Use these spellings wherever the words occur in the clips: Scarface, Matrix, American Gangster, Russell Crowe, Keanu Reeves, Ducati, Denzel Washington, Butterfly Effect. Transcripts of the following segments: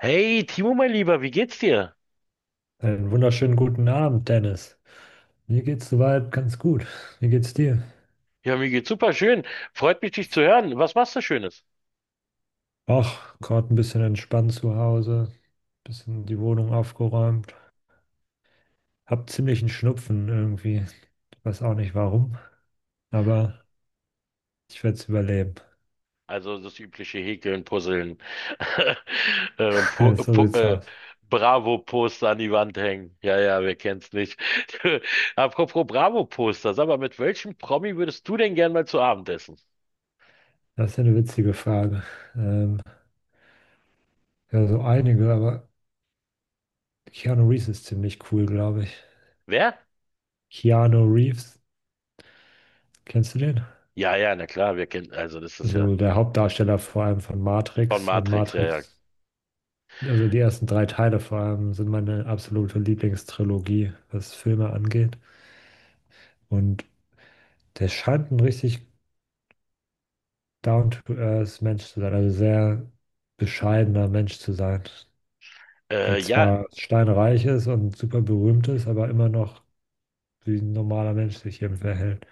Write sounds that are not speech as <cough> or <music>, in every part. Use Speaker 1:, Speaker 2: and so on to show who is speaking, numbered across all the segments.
Speaker 1: Hey, Timo, mein Lieber, wie geht's dir?
Speaker 2: Einen wunderschönen guten Abend, Dennis. Mir geht's soweit ganz gut. Wie geht's dir?
Speaker 1: Ja, mir geht's super schön. Freut mich, dich zu hören. Was machst du Schönes?
Speaker 2: Ach, gerade ein bisschen entspannt zu Hause, bisschen die Wohnung aufgeräumt. Hab ziemlich einen Schnupfen irgendwie. Ich weiß auch nicht warum, aber ich werde es überleben.
Speaker 1: Also das übliche Häkeln, Puzzeln, <laughs> Pu
Speaker 2: <laughs> So
Speaker 1: Pu
Speaker 2: sieht's aus.
Speaker 1: Bravo-Poster an die Wand hängen. Ja, ja, wer kennt's nicht? <laughs> Apropos Bravo-Poster, sag mal, mit welchem Promi würdest du denn gern mal zu Abend essen?
Speaker 2: Das ist eine witzige Frage. Ähm, ja, so einige, aber Keanu Reeves ist ziemlich cool, glaube ich.
Speaker 1: Wer?
Speaker 2: Keanu Reeves, kennst du den?
Speaker 1: Ja, ja, na klar, wir kennen, also das ist ja
Speaker 2: Also der Hauptdarsteller vor allem von
Speaker 1: von
Speaker 2: Matrix und
Speaker 1: Matrix, ja, ja.
Speaker 2: Matrix. Also die ersten drei Teile vor allem sind meine absolute Lieblingstrilogie, was Filme angeht. Und der scheint ein richtig down-to-earth Mensch zu sein, also sehr bescheidener Mensch zu sein,
Speaker 1: Äh,
Speaker 2: der
Speaker 1: ja,
Speaker 2: zwar steinreich ist und super berühmt ist, aber immer noch wie ein normaler Mensch sich eben verhält.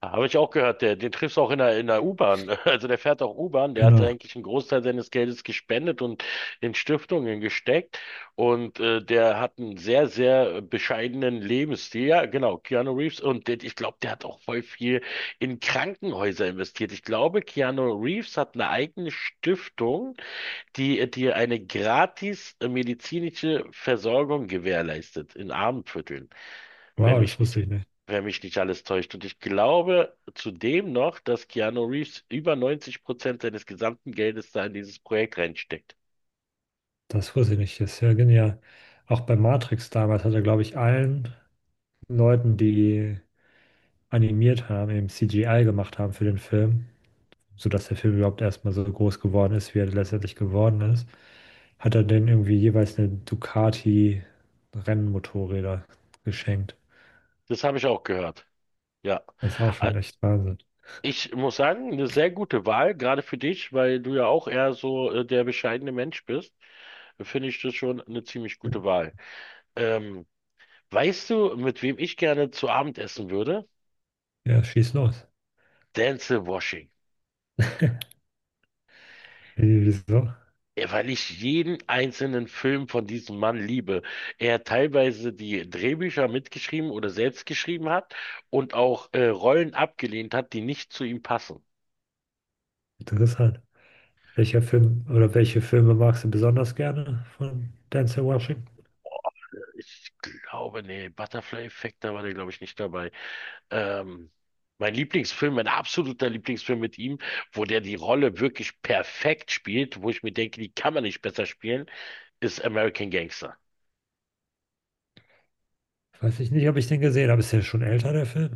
Speaker 1: Habe ich auch gehört, der, den triffst du auch in der U-Bahn. <laughs> Also der fährt auch U-Bahn, der hat
Speaker 2: Genau.
Speaker 1: eigentlich einen Großteil seines Geldes gespendet und in Stiftungen gesteckt. Und der hat einen sehr, sehr bescheidenen Lebensstil. Ja, genau, Keanu Reeves. Und der, ich glaube, der hat auch voll viel in Krankenhäuser investiert. Ich glaube, Keanu Reeves hat eine eigene Stiftung, die dir eine gratis medizinische Versorgung gewährleistet in Armenvierteln, wenn
Speaker 2: Wow, das
Speaker 1: mich nicht,
Speaker 2: wusste ich nicht.
Speaker 1: wenn mich nicht alles täuscht. Und ich glaube zudem noch, dass Keanu Reeves über 90% seines gesamten Geldes da in dieses Projekt reinsteckt.
Speaker 2: Das wusste ich nicht. Das ist ja genial. Auch bei Matrix damals hat er, glaube ich, allen Leuten, die animiert haben, eben CGI gemacht haben für den Film, sodass der Film überhaupt erstmal so groß geworden ist, wie er letztendlich geworden ist, hat er denen irgendwie jeweils eine Ducati Rennmotorräder geschenkt.
Speaker 1: Das habe ich auch gehört. Ja.
Speaker 2: Das ist auch
Speaker 1: Äh,
Speaker 2: schon echt Wahnsinn.
Speaker 1: Ich muss sagen, eine sehr gute Wahl, gerade für dich, weil du ja auch eher so der bescheidene Mensch bist, finde ich das schon eine ziemlich gute Wahl. Ähm, weißt du, mit wem ich gerne zu Abend essen würde?
Speaker 2: Ja, schieß los.
Speaker 1: Denzel Washington.
Speaker 2: Wie- Wieso?
Speaker 1: Ja, weil ich jeden einzelnen Film von diesem Mann liebe. Er teilweise die Drehbücher mitgeschrieben oder selbst geschrieben hat und auch Rollen abgelehnt hat, die nicht zu ihm passen.
Speaker 2: Interessant. Welcher Film oder welche Filme magst du besonders gerne von Denzel Washington?
Speaker 1: Ich Butterfly Effect, da war der, glaube ich, nicht dabei. Ähm, mein Lieblingsfilm, mein absoluter Lieblingsfilm mit ihm, wo der die Rolle wirklich perfekt spielt, wo ich mir denke, die kann man nicht besser spielen, ist American Gangster.
Speaker 2: Weiß ich nicht, ob ich den gesehen habe. Ist ja schon älter, der Film?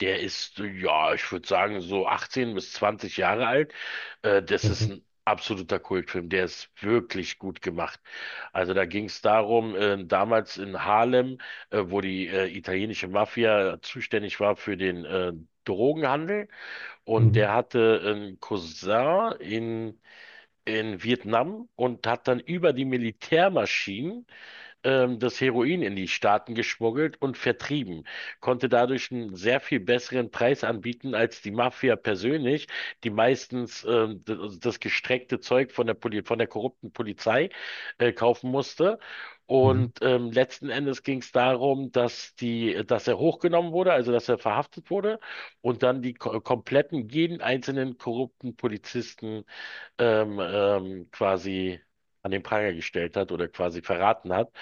Speaker 1: Der ist, ja, ich würde sagen, so 18 bis 20 Jahre alt. Das ist
Speaker 2: Mhm.
Speaker 1: ein absoluter Kultfilm. Der ist wirklich gut gemacht. Also da ging es darum, damals in Harlem, wo die italienische Mafia zuständig war für den Drogenhandel, und der
Speaker 2: Mhm.
Speaker 1: hatte einen Cousin in Vietnam und hat dann über die Militärmaschinen das Heroin in die Staaten geschmuggelt und vertrieben, konnte dadurch einen sehr viel besseren Preis anbieten als die Mafia persönlich, die meistens also das gestreckte Zeug von der Poli von der korrupten Polizei kaufen musste.
Speaker 2: Mhm.
Speaker 1: Und letzten Endes ging es darum, dass dass er hochgenommen wurde, also dass er verhaftet wurde und dann die ko kompletten, jeden einzelnen korrupten Polizisten quasi an den Pranger gestellt hat oder quasi verraten hat,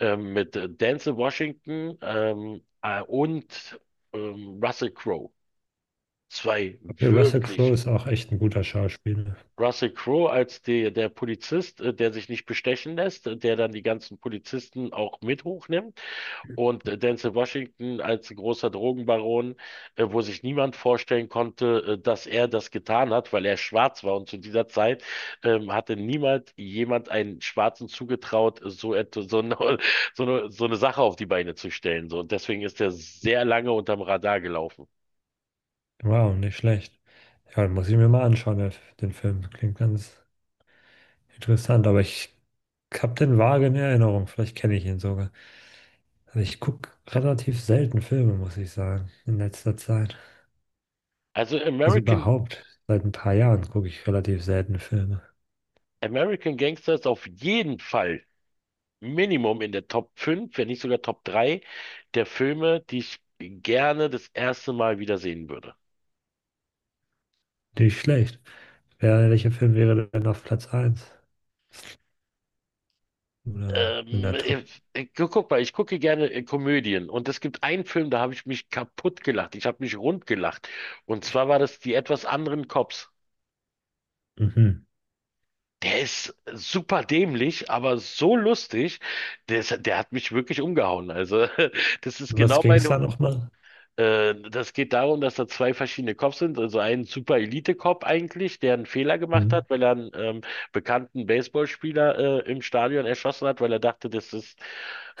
Speaker 1: mit Denzel Washington und Russell Crowe. Zwei
Speaker 2: Okay, Russell Crowe
Speaker 1: wirklich.
Speaker 2: ist auch echt ein guter Schauspieler.
Speaker 1: Russell Crowe als der Polizist, der sich nicht bestechen lässt, der dann die ganzen Polizisten auch mit hochnimmt, und Denzel Washington als großer Drogenbaron, wo sich niemand vorstellen konnte, dass er das getan hat, weil er schwarz war. Und zu dieser Zeit hatte niemand jemand einen Schwarzen zugetraut, so etwas, so eine, <laughs> so eine Sache auf die Beine zu stellen. So. Und deswegen ist er sehr lange unterm Radar gelaufen.
Speaker 2: Wow, nicht schlecht. Ja, den muss ich mir mal anschauen, der- den Film. Klingt ganz, interessant, aber ich habe den vage in Erinnerung. Vielleicht kenne ich ihn sogar. Also ich gucke relativ selten Filme, muss ich sagen, in letzter Zeit.
Speaker 1: Also
Speaker 2: Also
Speaker 1: American,
Speaker 2: überhaupt, seit ein paar Jahren gucke ich relativ selten Filme.
Speaker 1: American Gangster ist auf jeden Fall Minimum in der Top 5, wenn nicht sogar Top 3 der Filme, die ich gerne das erste Mal wiedersehen würde.
Speaker 2: Nicht schlecht. Wer, welcher Film wäre denn auf Platz 1? Oder in der Top?
Speaker 1: Guck mal, ich gucke gerne Komödien und es gibt einen Film, da habe ich mich kaputt gelacht. Ich habe mich rund gelacht. Und zwar war das die etwas anderen Cops.
Speaker 2: Mhm.
Speaker 1: Der ist super dämlich, aber so lustig. Der hat mich wirklich umgehauen. Also, <laughs> das ist
Speaker 2: Was
Speaker 1: genau
Speaker 2: ging es
Speaker 1: meine.
Speaker 2: da nochmal?
Speaker 1: Das geht darum, dass da zwei verschiedene Cops sind. Also ein Super Elite-Cop eigentlich, der einen Fehler gemacht
Speaker 2: Mhm.
Speaker 1: hat, weil er einen bekannten Baseballspieler im Stadion erschossen hat, weil er dachte,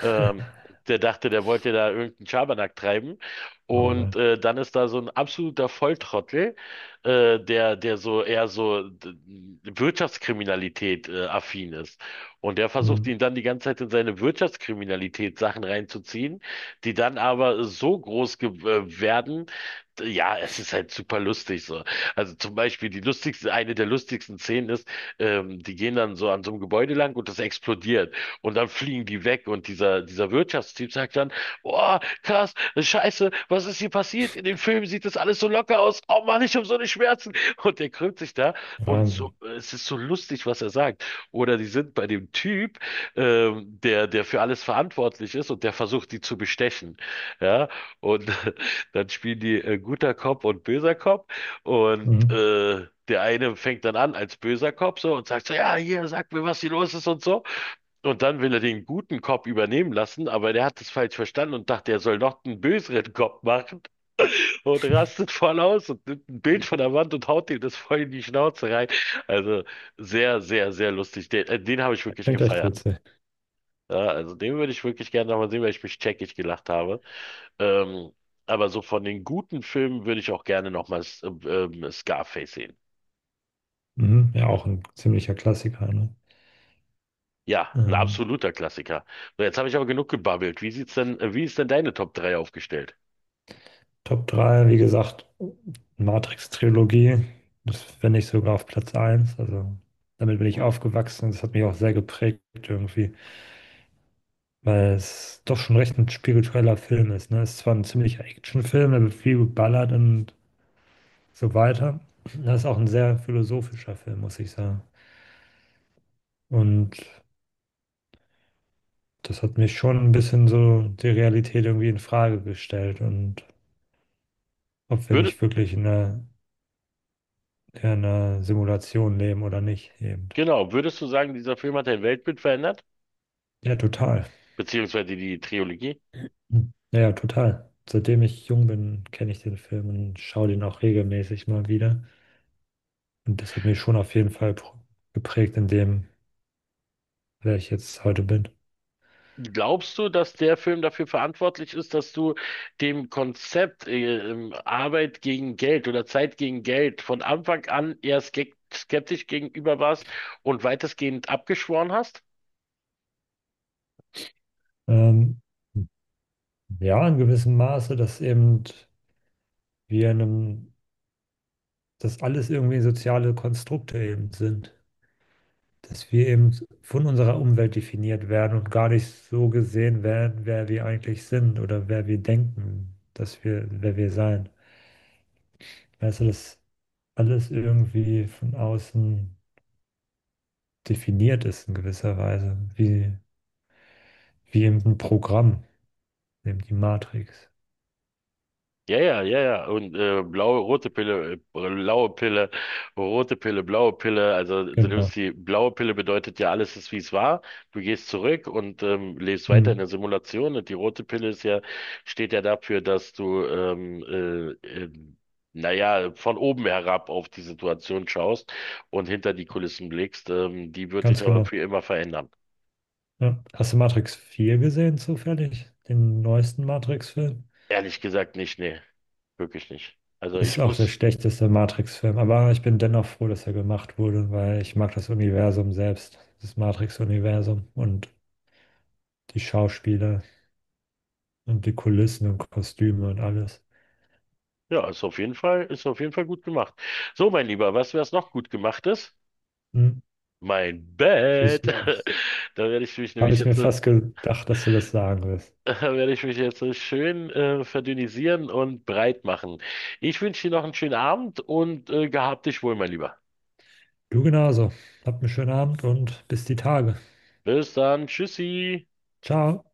Speaker 1: ähm, der dachte, der wollte da irgendeinen Schabernack treiben.
Speaker 2: Oh
Speaker 1: Und
Speaker 2: Mann.
Speaker 1: dann ist da so ein absoluter Volltrottel, der so eher so Wirtschaftskriminalität affin ist. Und der versucht
Speaker 2: Mhm.
Speaker 1: ihn dann die ganze Zeit in seine Wirtschaftskriminalität Sachen reinzuziehen, die dann aber so groß ge werden, ja, es ist halt super lustig so. Also zum Beispiel eine der lustigsten Szenen ist, die gehen dann so an so einem Gebäude lang und das explodiert und dann fliegen die weg und dieser Wirtschaftstyp sagt dann, oh, krass, scheiße, was ist hier passiert? In den Filmen sieht das alles so locker aus. Oh Mann, ich habe so eine Schmerzen. Und der krümmt sich da und so,
Speaker 2: Wahnsinn.
Speaker 1: es ist so lustig, was er sagt. Oder die sind bei dem Typ, der für alles verantwortlich ist und der versucht, die zu bestechen. Ja, und <laughs> dann spielen die guter Cop und böser Cop und
Speaker 2: Mhm.
Speaker 1: der eine fängt dann an als böser Cop so und sagt so, ja, hier, sag mir, was hier los ist und so. Und dann will er den guten Cop übernehmen lassen, aber der hat es falsch verstanden und dachte, er soll noch einen böseren Cop machen und rastet voll aus und nimmt ein Bild von der Wand und haut ihm das voll in die Schnauze rein. Also sehr, sehr, sehr lustig. Den habe ich
Speaker 2: Das
Speaker 1: wirklich
Speaker 2: klingt echt
Speaker 1: gefeiert.
Speaker 2: witzig.
Speaker 1: Ja, also den würde ich wirklich gerne nochmal sehen, weil ich mich checkig gelacht habe. Ähm, aber so von den guten Filmen würde ich auch gerne nochmal Scarface sehen.
Speaker 2: Mhm. Ja, auch ein ziemlicher Klassiker, ne?
Speaker 1: Ja, ein
Speaker 2: Ähm,
Speaker 1: absoluter Klassiker. So, jetzt habe ich aber genug gebabbelt. Wie ist denn deine Top drei aufgestellt?
Speaker 2: Top 3, wie gesagt, Matrix-Trilogie. Das finde ich sogar auf Platz 1. Also damit bin ich
Speaker 1: Hm?
Speaker 2: aufgewachsen. Das hat mich auch sehr geprägt irgendwie, weil es doch schon recht ein spiritueller Film ist. Ne? Es ist zwar ein ziemlicher Actionfilm, da wird viel geballert und so weiter. Das ist auch ein sehr philosophischer Film, muss ich sagen. Und das hat mich schon ein bisschen so die Realität irgendwie in Frage gestellt und ob wir
Speaker 1: Würde,
Speaker 2: nicht wirklich in einer Simulation leben oder nicht eben.
Speaker 1: genau, würdest du sagen, dieser Film hat dein Weltbild verändert?
Speaker 2: Ja, total.
Speaker 1: Beziehungsweise die Trilogie?
Speaker 2: Hm. Ja, ja, total. Seitdem ich jung bin, kenne ich den Film und schaue den auch regelmäßig mal wieder. Und das hat mich schon auf jeden Fall pro- geprägt in dem, wer ich jetzt heute bin.
Speaker 1: Glaubst du, dass der Film dafür verantwortlich ist, dass du dem Konzept Arbeit gegen Geld oder Zeit gegen Geld von Anfang an eher skeptisch gegenüber warst und weitestgehend abgeschworen hast?
Speaker 2: Ähm, ja, in gewissem Maße, dass eben wir in einem, dass alles irgendwie soziale Konstrukte eben sind. Dass wir eben von unserer Umwelt definiert werden und gar nicht so gesehen werden, wer wir eigentlich sind oder wer wir denken, dass wir, wer wir sein. Also, dass alles irgendwie von außen definiert ist in gewisser Weise, wie, wie eben ein Programm, eben die Matrix.
Speaker 1: Ja, ja, ja, ja. Und blaue Pille, rote Pille, blaue Pille. Also du
Speaker 2: Genau.
Speaker 1: nimmst die blaue Pille bedeutet ja, alles ist wie es war. Du gehst zurück und lebst weiter in
Speaker 2: Mhm.
Speaker 1: der Simulation. Und die rote Pille steht ja dafür, dass du äh, äh, naja, von oben herab auf die Situation schaust und hinter die Kulissen blickst. Die wird dich
Speaker 2: Ganz
Speaker 1: aber
Speaker 2: genau.
Speaker 1: für immer verändern.
Speaker 2: Ja. Hast du Matrix 4 gesehen, zufällig? Den neuesten Matrix-Film?
Speaker 1: Ehrlich gesagt nicht, nee, wirklich nicht. Also
Speaker 2: Ist
Speaker 1: ich
Speaker 2: auch der
Speaker 1: muss.
Speaker 2: schlechteste Matrix-Film, aber ich bin dennoch froh, dass er gemacht wurde, weil ich mag das Universum selbst, das Matrix-Universum und die Schauspieler und die Kulissen und Kostüme und alles.
Speaker 1: Ja, ist auf jeden Fall gut gemacht. So, mein Lieber, weißt du, was noch gut gemacht ist?
Speaker 2: Mhm.
Speaker 1: Mein
Speaker 2: Schieß
Speaker 1: Bett.
Speaker 2: los.
Speaker 1: <laughs> Da werde ich mich
Speaker 2: Habe
Speaker 1: nämlich
Speaker 2: ich mir
Speaker 1: jetzt,
Speaker 2: fast gedacht, dass du das sagen wirst.
Speaker 1: <laughs> da werde ich mich jetzt schön verdünnisieren und breit machen. Ich wünsche dir noch einen schönen Abend und gehab dich wohl, mein Lieber.
Speaker 2: Du genauso. Habt einen schönen Abend und bis die Tage.
Speaker 1: Bis dann. Tschüssi.
Speaker 2: Ciao.